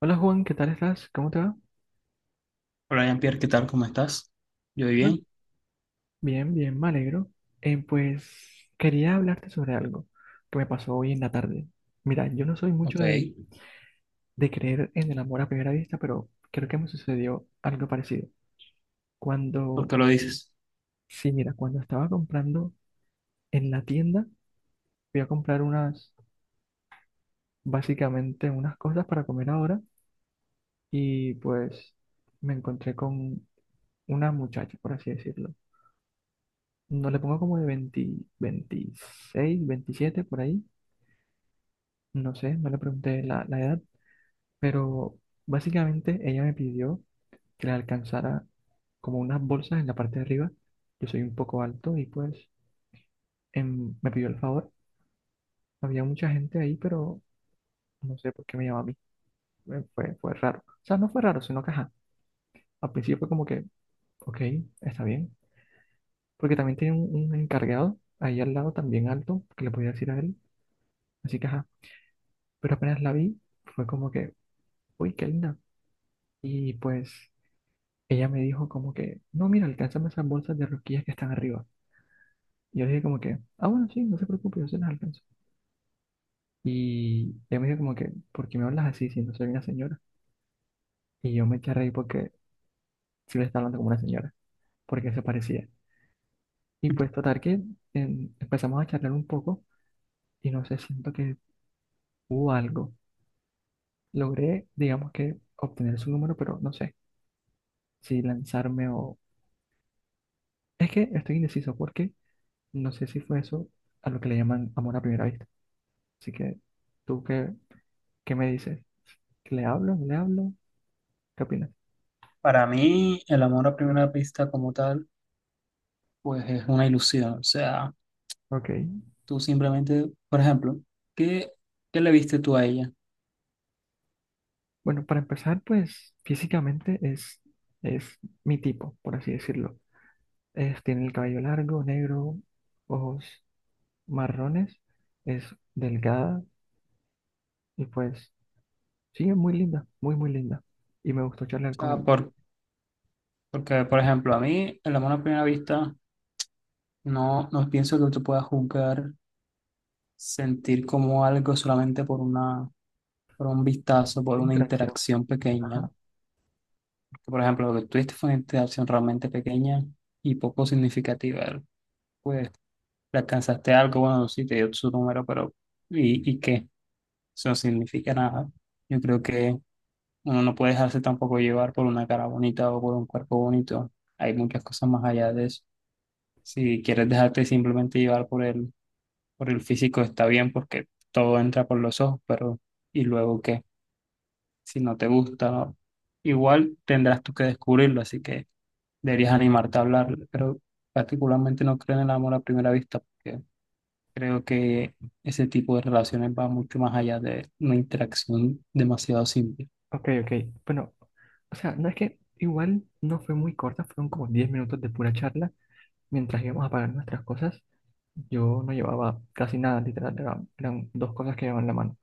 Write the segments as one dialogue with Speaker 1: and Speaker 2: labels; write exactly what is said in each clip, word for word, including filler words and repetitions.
Speaker 1: Hola Juan, ¿qué tal estás? ¿Cómo te va?
Speaker 2: Hola, Jean-Pierre, ¿qué tal? ¿Cómo estás? Yo
Speaker 1: Mm.
Speaker 2: bien.
Speaker 1: Bien, bien, me alegro. Eh, pues quería hablarte sobre algo que me pasó hoy en la tarde. Mira, yo no soy
Speaker 2: Ok.
Speaker 1: mucho de, de creer en el amor a primera vista, pero creo que me sucedió algo parecido.
Speaker 2: ¿Por
Speaker 1: Cuando,
Speaker 2: qué lo dices?
Speaker 1: sí, mira, cuando estaba comprando en la tienda, fui a comprar unas, básicamente unas cosas para comer ahora y pues me encontré con una muchacha, por así decirlo. No le pongo como de veinte, veintiséis, veintisiete por ahí. No sé, no le pregunté la, la edad, pero básicamente ella me pidió que le alcanzara como unas bolsas en la parte de arriba. Yo soy un poco alto y pues em, me pidió el favor. Había mucha gente ahí, pero no sé por qué me llamó a mí. Eh, Fue, fue raro. O sea, no fue raro, sino que ajá. Al principio fue como que, ok, está bien. Porque también tiene un, un encargado ahí al lado, también alto, que le podía decir a él. Así que ajá. Pero apenas la vi, fue como que uy, qué linda. Y pues ella me dijo como que, no, mira, alcánzame esas bolsas de rosquillas que están arriba. Y yo le dije como que, ah, bueno, sí, no se preocupe, yo se las alcanzo. Y ella me dijo como que, ¿por qué me hablas así si no soy una señora? Y yo me eché a reír porque sí le estaba hablando como una señora, porque se parecía. Y pues total que em, empezamos a charlar un poco y no sé, siento que hubo algo. Logré, digamos que, obtener su número, pero no sé si lanzarme o... Es que estoy indeciso porque... No sé si fue eso a lo que le llaman amor a primera vista. Así que, ¿tú qué, qué me dices? ¿Le hablo? ¿No le hablo? ¿Qué opinas?
Speaker 2: Para mí, el amor a primera vista como tal, pues es una ilusión. O sea,
Speaker 1: Ok.
Speaker 2: tú simplemente, por ejemplo, ¿qué, ¿qué le viste tú a ella? O
Speaker 1: Bueno, para empezar, pues físicamente es, es mi tipo, por así decirlo. Es, tiene el cabello largo, negro, ojos marrones, es delgada y pues sí, es muy linda, muy, muy linda. Y me gustó charlar con
Speaker 2: sea,
Speaker 1: él.
Speaker 2: por, porque, por ejemplo, a mí, el amor a primera vista, no, no pienso que tú puedas juzgar, sentir como algo solamente por una, por un vistazo, por
Speaker 1: Fue
Speaker 2: una
Speaker 1: interacción.
Speaker 2: interacción pequeña.
Speaker 1: Ajá.
Speaker 2: Porque, por ejemplo, lo que tuviste fue una interacción realmente pequeña y poco significativa. Pues le alcanzaste algo, bueno, sí, te dio su número, pero ¿y, ¿y qué? Eso no significa nada. Yo creo que uno no puede dejarse tampoco llevar por una cara bonita o por un cuerpo bonito. Hay muchas cosas más allá de eso. Si quieres dejarte simplemente llevar por el, por el físico, está bien porque todo entra por los ojos, pero ¿y luego qué? Si no te gusta, ¿no? Igual tendrás tú que descubrirlo, así que deberías animarte a hablar, pero particularmente no creo en el amor a primera vista, porque creo que ese tipo de relaciones va mucho más allá de una interacción demasiado simple.
Speaker 1: Ok, ok. Bueno, o sea, no es que igual no fue muy corta, fueron como diez minutos de pura charla mientras íbamos a pagar nuestras cosas. Yo no llevaba casi nada, literal, era- eran dos cosas que llevaba en la mano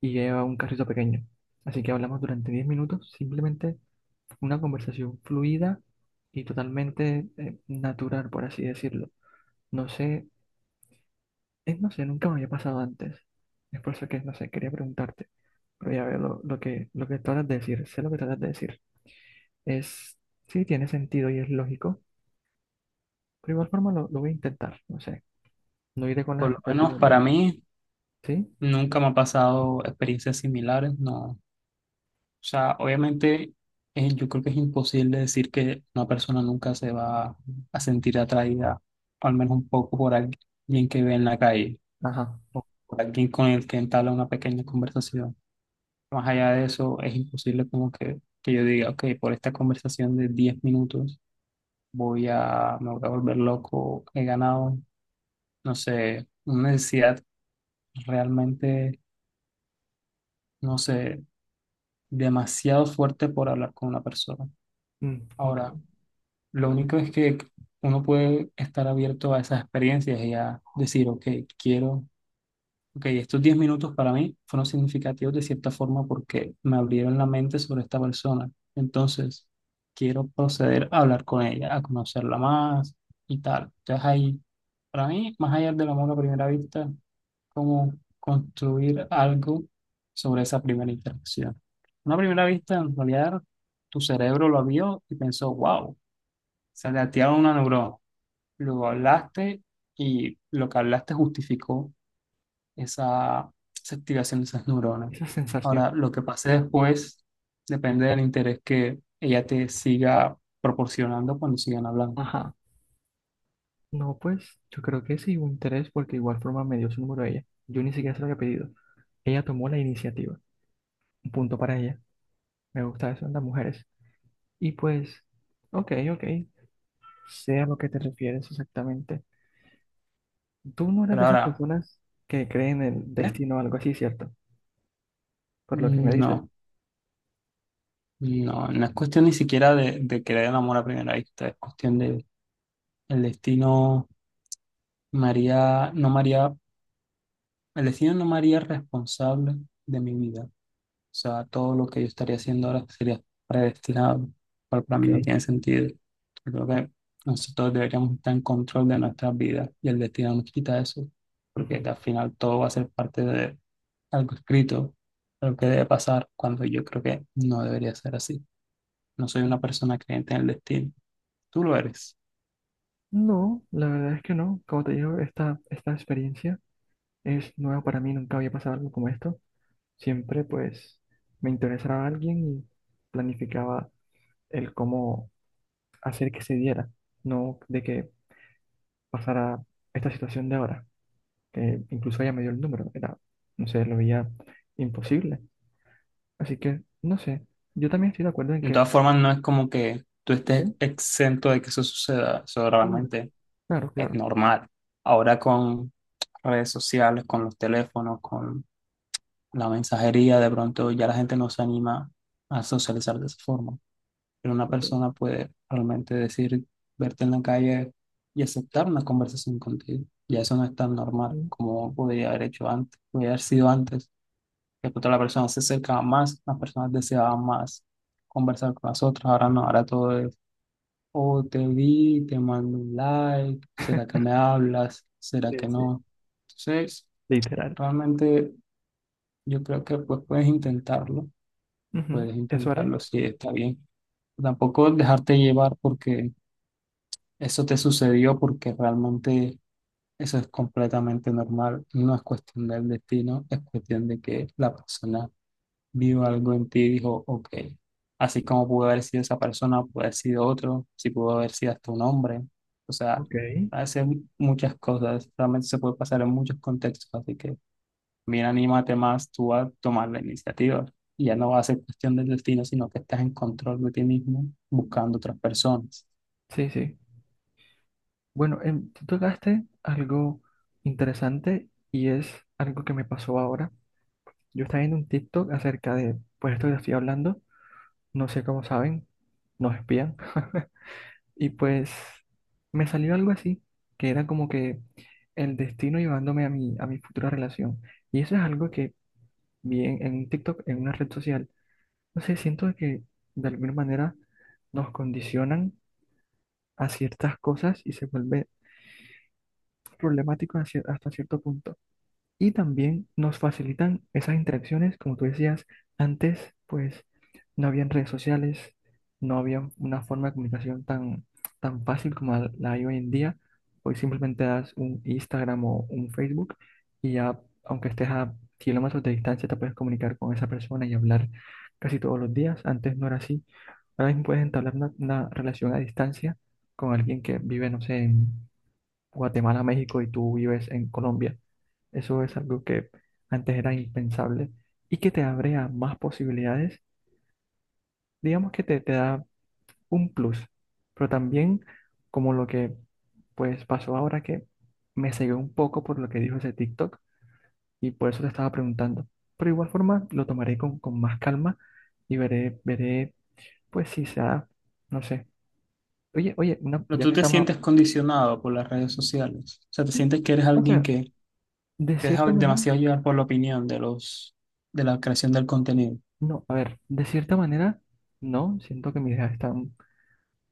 Speaker 1: y yo llevaba un carrito pequeño. Así que hablamos durante diez minutos, simplemente una conversación fluida y totalmente eh, natural, por así decirlo. No sé, es, no sé, nunca me había pasado antes. Es por eso que, no sé, quería preguntarte, pero ya veo lo, lo que, lo que tratas de decir, sé lo que tratas de decir. Es, sí, tiene sentido y es lógico, pero igual forma lo, lo voy a intentar, no sé, no iré con las
Speaker 2: Por lo menos
Speaker 1: expectativas
Speaker 2: para
Speaker 1: de,
Speaker 2: mí,
Speaker 1: ¿sí?
Speaker 2: nunca me ha pasado experiencias similares, no. O sea, obviamente, eh, yo creo que es imposible decir que una persona nunca se va a sentir atraída, al menos un poco, por alguien que ve en la calle
Speaker 1: Ajá,
Speaker 2: o por alguien con el que entabla una pequeña conversación. Más allá de eso, es imposible como que, que yo diga, ok, por esta conversación de diez minutos voy a, me voy a volver loco, he ganado, no sé, una necesidad realmente, no sé, demasiado fuerte por hablar con una persona.
Speaker 1: mm, ok,
Speaker 2: Ahora, lo único es que uno puede estar abierto a esas experiencias y a decir, ok, quiero ok, estos diez minutos para mí fueron significativos de cierta forma porque me abrieron la mente sobre esta persona. Entonces, quiero proceder a hablar con ella, a conocerla más y tal. Entonces, ahí, para mí, más allá del amor a primera vista, como construir algo sobre esa primera interacción. Una primera vista, en realidad, tu cerebro lo vio y pensó, wow, se le activaron una neurona. Luego hablaste y lo que hablaste justificó esa, esa activación de esas neuronas.
Speaker 1: esa
Speaker 2: Ahora,
Speaker 1: sensación,
Speaker 2: lo que pase después depende del interés que ella te siga proporcionando cuando sigan hablando.
Speaker 1: ajá, no, pues yo creo que sí hubo interés porque igual forma me dio su número a ella, yo ni siquiera se lo había pedido, ella tomó la iniciativa, un punto para ella, me gusta eso en las mujeres, y pues, ok, ok, sé a lo que te refieres exactamente, tú no eres de
Speaker 2: Pero
Speaker 1: esas
Speaker 2: ahora,
Speaker 1: personas que creen en el
Speaker 2: ¿qué?
Speaker 1: destino o algo así, ¿cierto? Por lo que me dices,
Speaker 2: No, no, no es cuestión ni siquiera de, de querer el amor a primera vista, es cuestión de el destino María, no María, el destino no María responsable de mi vida. O sea, todo lo que yo estaría haciendo ahora sería predestinado, cual para mí
Speaker 1: ok.
Speaker 2: no tiene sentido. Yo creo que nosotros deberíamos estar en control de nuestras vidas y el destino nos quita eso, porque al final todo va a ser parte de algo escrito, algo que debe pasar, cuando yo creo que no debería ser así. No soy una
Speaker 1: Ujú.
Speaker 2: persona creyente en el destino, tú lo eres.
Speaker 1: No, la verdad es que no. Como te digo, esta, esta experiencia es nueva para mí, nunca había pasado algo como esto. Siempre pues me interesaba alguien y planificaba el cómo hacer que se diera, no de que pasara esta situación de ahora, que incluso ella me dio el número, era, no sé, lo veía imposible. Así que, no sé, yo también estoy de acuerdo en
Speaker 2: De
Speaker 1: que...
Speaker 2: todas formas, no es como que tú
Speaker 1: ¿Eh?
Speaker 2: estés exento de que eso suceda, eso
Speaker 1: Claro,
Speaker 2: realmente
Speaker 1: claro,
Speaker 2: es
Speaker 1: claro.
Speaker 2: normal. Ahora con redes sociales, con los teléfonos, con la mensajería, de pronto ya la gente no se anima a socializar de esa forma. Pero una
Speaker 1: Ok.
Speaker 2: persona puede realmente decir, verte en la calle y aceptar una conversación contigo. Ya eso no es tan normal
Speaker 1: Sí,
Speaker 2: como podría haber hecho antes, podría haber sido antes. Que pronto la persona se acercaba más, las personas deseaban más conversar con las otras. Ahora no, ahora todo es, oh, te vi, te mando un like, ¿será que me hablas? ¿Será
Speaker 1: sí,
Speaker 2: que
Speaker 1: sí.
Speaker 2: no? Entonces,
Speaker 1: Literal.
Speaker 2: realmente yo creo que pues puedes intentarlo.
Speaker 1: Ujú.
Speaker 2: Puedes
Speaker 1: Eso haré.
Speaker 2: intentarlo si está bien. Tampoco dejarte llevar porque eso te sucedió, porque realmente eso es completamente normal. No es cuestión del destino, es cuestión de que la persona vio algo en ti y dijo, ok, así como pudo haber sido esa persona, pudo haber sido otro, si pudo haber sido hasta un hombre. O sea,
Speaker 1: Ok.
Speaker 2: hace muchas cosas, realmente se puede pasar en muchos contextos, así que mira, anímate más tú a tomar la iniciativa. Y ya no va a ser cuestión del destino, sino que estás en control de ti mismo buscando otras personas.
Speaker 1: Sí, sí. Bueno, em, tú tocaste algo interesante y es algo que me pasó ahora. Yo estaba viendo un TikTok acerca de, pues esto que estoy hablando, no sé cómo saben, nos espían. Y pues me salió algo así, que era como que el destino llevándome a mi, a mi futura relación. Y eso es algo que vi en, en un TikTok, en una red social. No sé, siento que de alguna manera nos condicionan a ciertas cosas y se vuelve problemático hacia- hasta cierto punto. Y también nos facilitan esas interacciones, como tú decías, antes pues no habían redes sociales, no había una forma de comunicación tan, tan fácil como la la hay hoy en día. Hoy simplemente das un Instagram o un Facebook y ya, aunque estés a kilómetros de distancia, te puedes comunicar con esa persona y hablar casi todos los días. Antes no era así. Ahora mismo puedes entablar una, una relación a distancia con alguien que vive, no sé, en Guatemala, México y tú vives en Colombia. Eso es algo que antes era impensable y que te abre a más posibilidades. Digamos que te, te da un plus, pero también como lo que pues pasó ahora que me cegué un poco por lo que dijo ese TikTok y por eso te estaba preguntando. Pero igual forma lo tomaré con, con más calma y veré, veré pues si se da, no sé. Oye, oye, una-
Speaker 2: Pero
Speaker 1: ya
Speaker 2: tú
Speaker 1: que
Speaker 2: te
Speaker 1: estamos,
Speaker 2: sientes condicionado por las redes sociales. O sea, te sientes que eres
Speaker 1: o
Speaker 2: alguien
Speaker 1: sea,
Speaker 2: que
Speaker 1: de
Speaker 2: te deja
Speaker 1: cierta manera.
Speaker 2: demasiado llevar por la opinión de los, de la creación del contenido.
Speaker 1: No, a ver, de cierta manera, no, siento que mis ideas están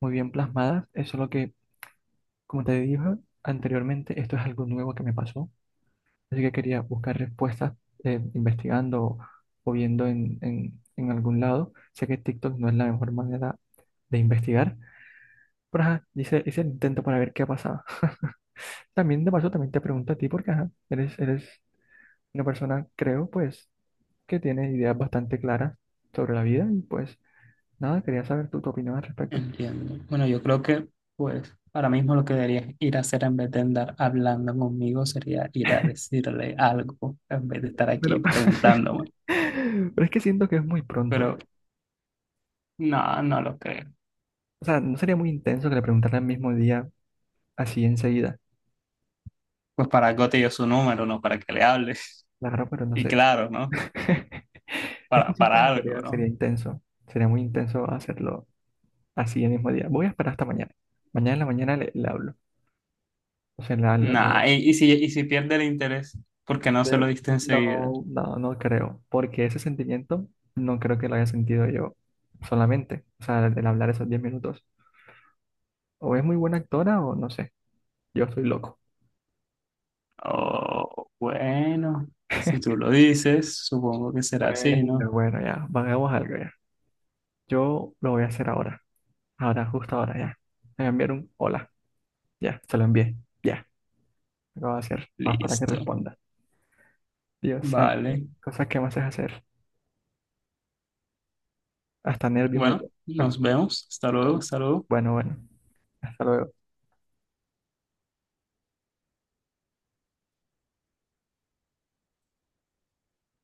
Speaker 1: muy bien plasmadas, es solo que, como te dije anteriormente, esto es algo nuevo que me pasó, así que quería buscar respuestas eh, investigando o viendo en, en, en algún lado. Sé que TikTok no es la mejor manera de investigar, pero ajá, hice, hice el intento para ver qué pasaba. También de paso, también te pregunto a ti, porque ajá, eres, eres una persona, creo, pues, que tiene ideas bastante claras sobre la vida y pues nada, quería saber tu, tu opinión al respecto.
Speaker 2: Entiendo. Bueno, yo creo que, pues, ahora mismo lo que deberías ir a hacer en vez de andar hablando conmigo sería ir a decirle algo en vez de estar aquí
Speaker 1: Pero,
Speaker 2: preguntándome.
Speaker 1: pero es que siento que es muy pronto.
Speaker 2: Pero no, no lo creo.
Speaker 1: O sea, no sería muy intenso que le preguntara el mismo día, así enseguida.
Speaker 2: Pues para algo te dio su número, ¿no? Para que le hables.
Speaker 1: La verdad, pero no
Speaker 2: Y
Speaker 1: sé.
Speaker 2: claro, ¿no?
Speaker 1: Es que
Speaker 2: Para,
Speaker 1: siento
Speaker 2: para
Speaker 1: que
Speaker 2: algo,
Speaker 1: sería, sería
Speaker 2: ¿no?
Speaker 1: intenso. Sería muy intenso hacerlo así el mismo día. Voy a esperar hasta mañana. Mañana en la mañana le, le hablo. O sea, la, la- la-
Speaker 2: Nah, y, y si, y si pierde el interés, ¿por qué no se
Speaker 1: de-
Speaker 2: lo diste enseguida?
Speaker 1: no, no, no creo. Porque ese sentimiento no creo que lo haya sentido yo solamente. O sea, el, el hablar esos diez minutos. O es muy buena actora o no sé. Yo estoy loco.
Speaker 2: Oh, bueno, si tú lo dices, supongo que será así, ¿no?
Speaker 1: Bueno, bueno, ya. Hagamos algo ya. Yo lo voy a hacer ahora. Ahora, justo ahora, ya. Me enviaron un hola. Ya, se lo envié. Ya, lo voy a hacer. Vamos para que
Speaker 2: Listo.
Speaker 1: responda. Dios santo,
Speaker 2: Vale.
Speaker 1: cosas que me haces hacer. Hasta nervio me
Speaker 2: Bueno,
Speaker 1: dio.
Speaker 2: nos vemos. Hasta luego, hasta luego.
Speaker 1: Bueno, bueno. Hasta luego.